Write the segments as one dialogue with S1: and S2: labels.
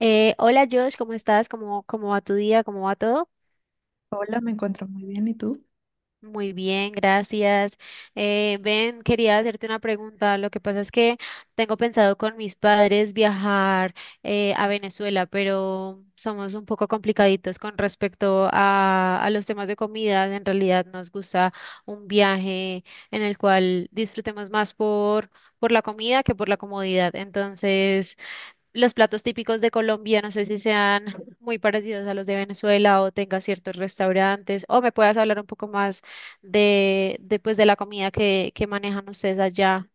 S1: Hola Josh, ¿cómo estás? ¿Cómo va tu día? ¿Cómo va todo?
S2: Hola, me encuentro muy bien. ¿Y tú?
S1: Muy bien, gracias. Ben, quería hacerte una pregunta. Lo que pasa es que tengo pensado con mis padres viajar a Venezuela, pero somos un poco complicaditos con respecto a los temas de comida. En realidad nos gusta un viaje en el cual disfrutemos más por la comida que por la comodidad. Entonces, los platos típicos de Colombia, no sé si sean muy parecidos a los de Venezuela o tenga ciertos restaurantes, o me puedas hablar un poco más de la comida que manejan ustedes allá.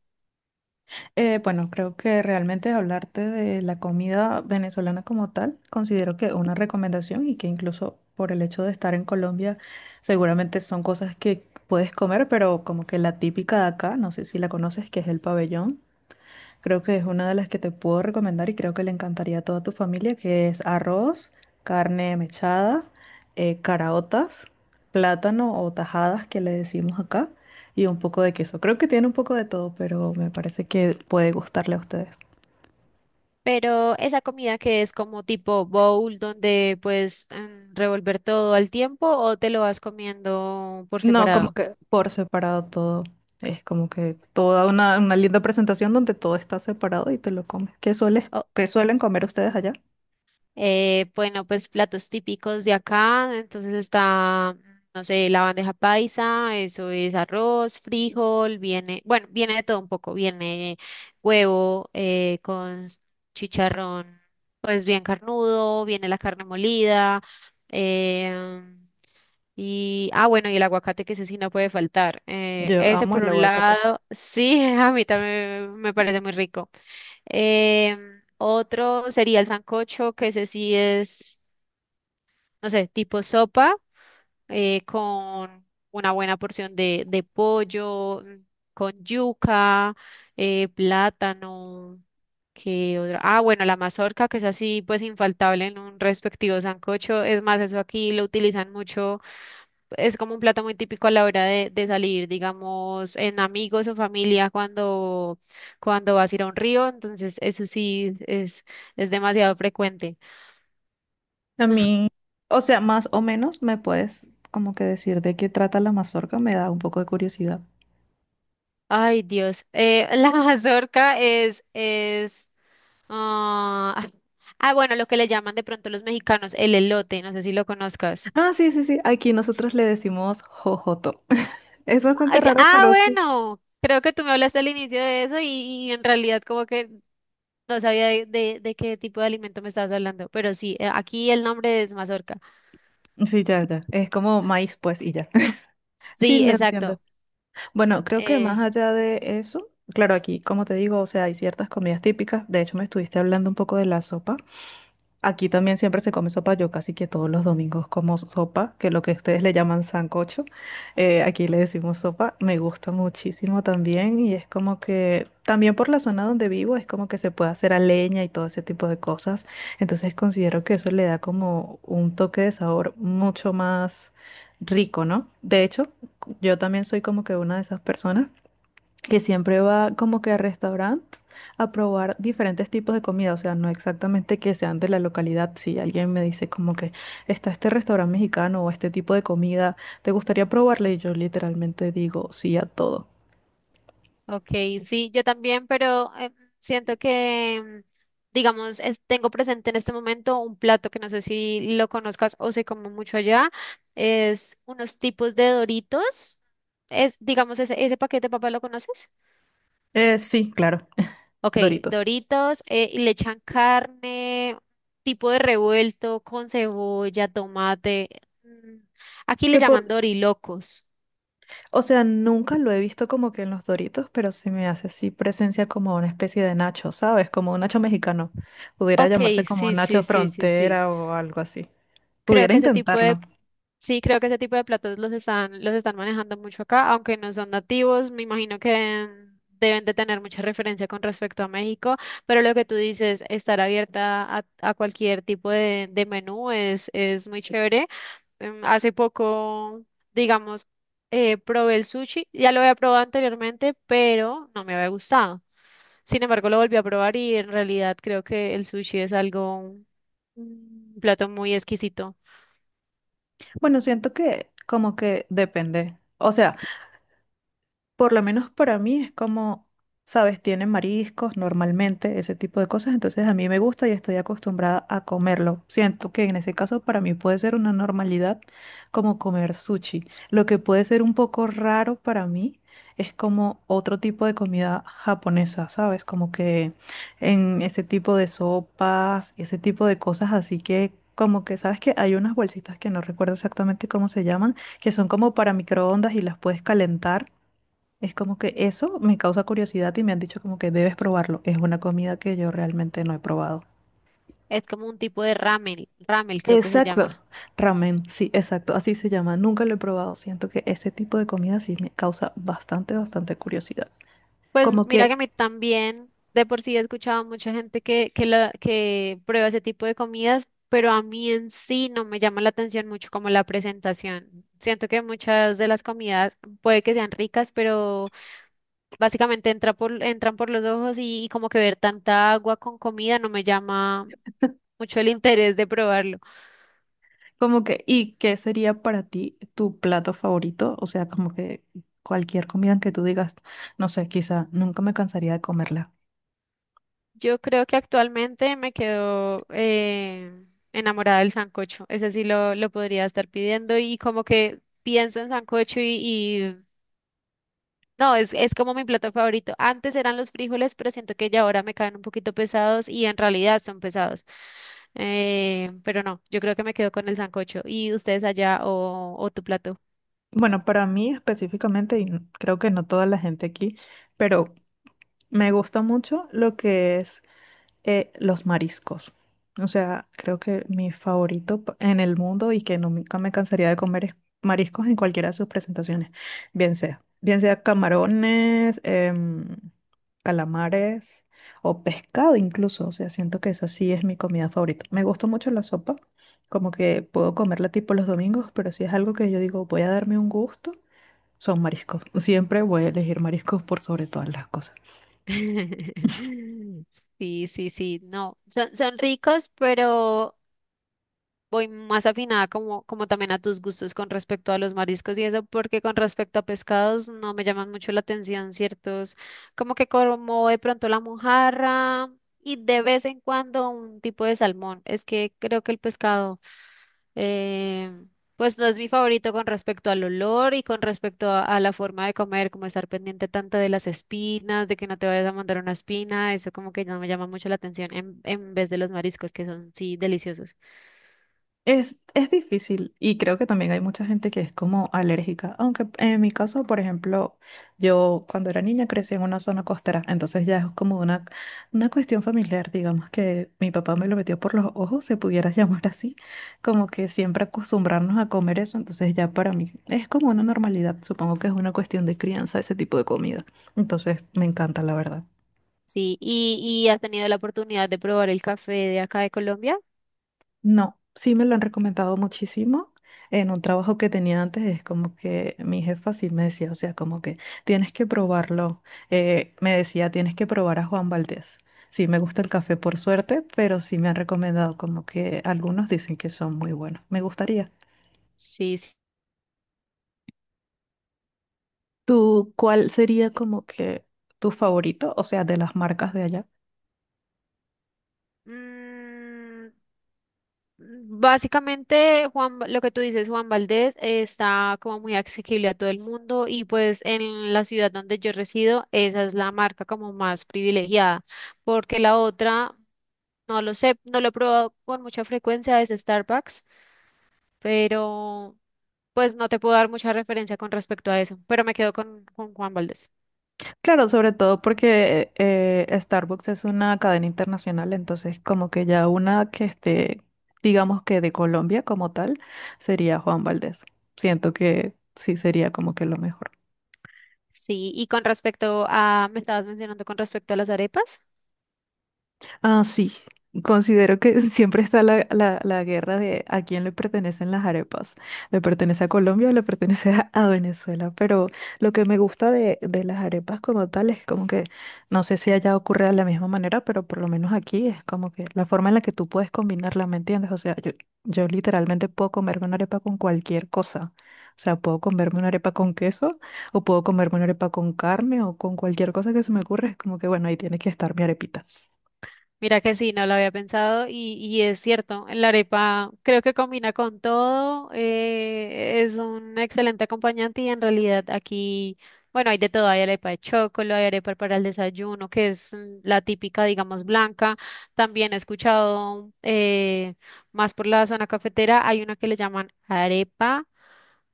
S2: Bueno, creo que realmente hablarte de la comida venezolana como tal, considero que una recomendación y que incluso por el hecho de estar en Colombia, seguramente son cosas que puedes comer, pero como que la típica de acá, no sé si la conoces, que es el pabellón. Creo que es una de las que te puedo recomendar y creo que le encantaría a toda tu familia, que es arroz, carne mechada, caraotas, plátano o tajadas que le decimos acá y un poco de queso. Creo que tiene un poco de todo, pero me parece que puede gustarle a ustedes.
S1: Pero esa comida que es como tipo bowl, donde puedes revolver todo al tiempo o te lo vas comiendo por
S2: No, como
S1: separado?
S2: que por separado todo. Es como que toda una linda presentación donde todo está separado y te lo comes. ¿Qué suelen comer ustedes allá?
S1: Bueno, pues platos típicos de acá, entonces está, no sé, la bandeja paisa, eso es arroz, frijol, viene, bueno, viene de todo un poco, viene huevo con chicharrón, pues bien carnudo, viene la carne molida, eh, bueno, y el aguacate que ese sí no puede faltar.
S2: Yo
S1: Ese
S2: amo
S1: por
S2: el
S1: un
S2: aguacate.
S1: lado, sí, a mí también me parece muy rico. Otro sería el sancocho, que ese sí es, no sé, tipo sopa, con una buena porción de pollo, con yuca, plátano, que otra? Ah, bueno, la mazorca, que es así, pues infaltable en un respectivo sancocho. Es más, eso aquí lo utilizan mucho, es como un plato muy típico a la hora de salir, digamos, en amigos o familia cuando vas a ir a un río, entonces eso sí es demasiado frecuente.
S2: A mí, o sea, más o menos me puedes como que decir de qué trata la mazorca, me da un poco de curiosidad.
S1: Ay, Dios. La mazorca es, ah, ah, bueno, lo que le llaman de pronto los mexicanos, el elote, no sé si lo conozcas.
S2: Ah, sí, sí, sí, aquí nosotros le decimos jojoto. Es bastante
S1: Ay,
S2: raro, pero sí.
S1: bueno, creo que tú me hablaste al inicio de eso y en realidad como que no sabía de qué tipo de alimento me estabas hablando, pero sí, aquí el nombre es mazorca.
S2: Sí, ya, ya. Es como maíz, pues, y ya. Sí,
S1: Sí,
S2: la entiendo.
S1: exacto.
S2: Bueno, creo que más
S1: Eh,
S2: allá de eso, claro, aquí, como te digo, o sea, hay ciertas comidas típicas. De hecho, me estuviste hablando un poco de la sopa. Aquí también siempre se come sopa, yo casi que todos los domingos como sopa, que lo que ustedes le llaman sancocho, aquí le decimos sopa, me gusta muchísimo también y es como que también por la zona donde vivo es como que se puede hacer a leña y todo ese tipo de cosas, entonces considero que eso le da como un toque de sabor mucho más rico, ¿no? De hecho, yo también soy como que una de esas personas que siempre va como que al restaurante a probar diferentes tipos de comida, o sea, no exactamente que sean de la localidad. Si alguien me dice como que está este restaurante mexicano o este tipo de comida, ¿te gustaría probarla? Y yo literalmente digo sí a todo.
S1: ok, sí, yo también, pero siento que, digamos, tengo presente en este momento un plato que no sé si lo conozcas o se come mucho allá, es unos tipos de Doritos. Es, digamos, ese paquete de papas, ¿lo conoces?
S2: Sí, claro,
S1: Ok,
S2: Doritos.
S1: Doritos, y le echan carne, tipo de revuelto con cebolla, tomate. mm, Aquí le
S2: Se po-
S1: llaman dorilocos.
S2: o sea, nunca lo he visto como que en los Doritos, pero se me hace así presencia como una especie de nacho, ¿sabes? Como un nacho mexicano. Pudiera
S1: Ok,
S2: llamarse como
S1: sí,
S2: nacho
S1: sí, sí, sí, sí.
S2: frontera o algo así.
S1: Creo
S2: Pudiera
S1: que ese tipo
S2: intentarlo.
S1: de, Sí, creo que ese tipo de platos los están manejando mucho acá, aunque no son nativos, me imagino que deben de tener mucha referencia con respecto a México, pero lo que tú dices, estar abierta a cualquier tipo de menú es muy chévere. Hace poco, digamos, probé el sushi. Ya lo había probado anteriormente, pero no me había gustado. Sin embargo, lo volví a probar y en realidad creo que el sushi es algo, un plato muy exquisito.
S2: Bueno, siento que como que depende. O sea, por lo menos para mí es como, sabes, tienen mariscos normalmente, ese tipo de cosas, entonces a mí me gusta y estoy acostumbrada a comerlo. Siento que en ese caso para mí puede ser una normalidad como comer sushi. Lo que puede ser un poco raro para mí es como otro tipo de comida japonesa, ¿sabes? Como que en ese tipo de sopas y ese tipo de cosas, así que como que, ¿sabes que hay unas bolsitas que no recuerdo exactamente cómo se llaman, que son como para microondas y las puedes calentar? Es como que eso me causa curiosidad y me han dicho como que debes probarlo. Es una comida que yo realmente no he probado.
S1: Es como un tipo de ramen, ramen creo que se
S2: Exacto,
S1: llama.
S2: ramen, sí, exacto, así se llama. Nunca lo he probado. Siento que ese tipo de comida sí me causa bastante, bastante curiosidad.
S1: Pues
S2: Como
S1: mira que
S2: que
S1: a mí también, de por sí he escuchado a mucha gente que prueba ese tipo de comidas, pero a mí en sí no me llama la atención mucho como la presentación. Siento que muchas de las comidas puede que sean ricas, pero básicamente entran por los ojos y como que ver tanta agua con comida no me llama mucho el interés de probarlo.
S2: Como que, ¿y qué sería para ti tu plato favorito? O sea, como que cualquier comida que tú digas, no sé, quizá nunca me cansaría de comerla.
S1: Yo creo que actualmente me quedo enamorada del sancocho. Ese sí lo podría estar pidiendo y como que pienso en sancocho y no, es como mi plato favorito. Antes eran los frijoles, pero siento que ya ahora me caen un poquito pesados y en realidad son pesados. Pero no, yo creo que me quedo con el sancocho. ¿Y ustedes allá o tu plato?
S2: Bueno, para mí específicamente, y creo que no toda la gente aquí, pero me gusta mucho lo que es los mariscos. O sea, creo que mi favorito en el mundo y que nunca me cansaría de comer es mariscos en cualquiera de sus presentaciones, bien sea camarones, calamares o pescado incluso. O sea, siento que esa sí es mi comida favorita. Me gusta mucho la sopa, como que puedo comerla tipo los domingos, pero si es algo que yo digo voy a darme un gusto, son mariscos. Siempre voy a elegir mariscos por sobre todas las cosas.
S1: Sí, sí, sí, no, son, son ricos, pero voy más afinada como, como también a tus gustos con respecto a los mariscos y eso, porque con respecto a pescados no me llaman mucho la atención ciertos, como que como de pronto la mojarra y de vez en cuando un tipo de salmón. Es que creo que el pescado, eh, pues no es mi favorito con respecto al olor y con respecto a la forma de comer, como estar pendiente tanto de las espinas, de que no te vayas a mandar una espina, eso como que no me llama mucho la atención en vez de los mariscos, que son sí deliciosos.
S2: Es difícil y creo que también hay mucha gente que es como alérgica, aunque en mi caso, por ejemplo, yo cuando era niña crecí en una zona costera, entonces ya es como una cuestión familiar, digamos que mi papá me lo metió por los ojos, se pudiera llamar así, como que siempre acostumbrarnos a comer eso, entonces ya para mí es como una normalidad, supongo que es una cuestión de crianza ese tipo de comida, entonces me encanta la verdad.
S1: Sí, y has tenido la oportunidad de probar el café de acá de Colombia?
S2: No, sí me lo han recomendado muchísimo. En un trabajo que tenía antes es como que mi jefa sí me decía, o sea, como que tienes que probarlo. Me decía, tienes que probar a Juan Valdez. Sí, me gusta el café por suerte, pero sí me han recomendado como que algunos dicen que son muy buenos. Me gustaría.
S1: Sí, sí.
S2: ¿Tú cuál sería como que tu favorito, o sea, de las marcas de allá?
S1: Mm, Básicamente, Juan, lo que tú dices, Juan Valdez, está como muy accesible a todo el mundo y pues en la ciudad donde yo resido, esa es la marca como más privilegiada, porque la otra, no lo sé, no lo he probado con mucha frecuencia, es Starbucks, pero pues no te puedo dar mucha referencia con respecto a eso, pero me quedo con Juan Valdez.
S2: Claro, sobre todo porque Starbucks es una cadena internacional, entonces como que ya una que esté, digamos que de Colombia como tal, sería Juan Valdez. Siento que sí sería como que lo mejor.
S1: Sí, y con respecto a, me estabas mencionando con respecto a las arepas.
S2: Ah, sí. Considero que siempre está la guerra de a quién le pertenecen las arepas. ¿Le pertenece a Colombia o le pertenece a Venezuela? Pero lo que me gusta de las arepas como tal es como que, no sé si allá ocurre de la misma manera, pero por lo menos aquí es como que la forma en la que tú puedes combinarla, ¿me entiendes? O sea, yo literalmente puedo comerme una arepa con cualquier cosa. O sea, puedo comerme una arepa con queso o puedo comerme una arepa con carne o con cualquier cosa que se me ocurra. Es como que, bueno, ahí tiene que estar mi arepita.
S1: Mira que sí, no lo había pensado y es cierto, la arepa creo que combina con todo, es un excelente acompañante y en realidad aquí, bueno, hay de todo, hay arepa de chocolo, hay arepa para el desayuno, que es la típica, digamos, blanca. También he escuchado más por la zona cafetera, hay una que le llaman arepa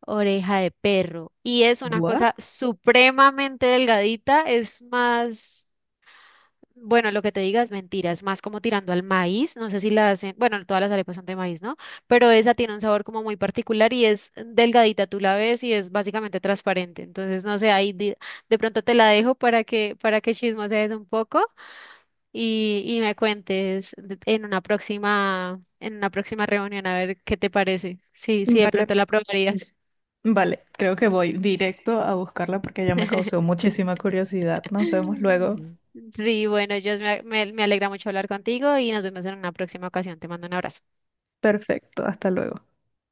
S1: oreja de perro y es una
S2: ¿What?
S1: cosa supremamente delgadita, es más, bueno, lo que te diga es mentira, es más como tirando al maíz, no sé si la hacen, bueno, todas las arepas son de maíz, ¿no? Pero esa tiene un sabor como muy particular y es delgadita, tú la ves y es básicamente transparente, entonces no sé, ahí de pronto te la dejo para que chismosees un poco y me cuentes en una próxima reunión a ver qué te parece, sí, sí, de
S2: Vale,
S1: pronto la probarías.
S2: vale, creo que voy directo a buscarla porque ya me causó muchísima curiosidad. Nos vemos luego.
S1: Sí, bueno, yo me, me alegra mucho hablar contigo y nos vemos en una próxima ocasión, te mando un abrazo.
S2: Perfecto, hasta luego.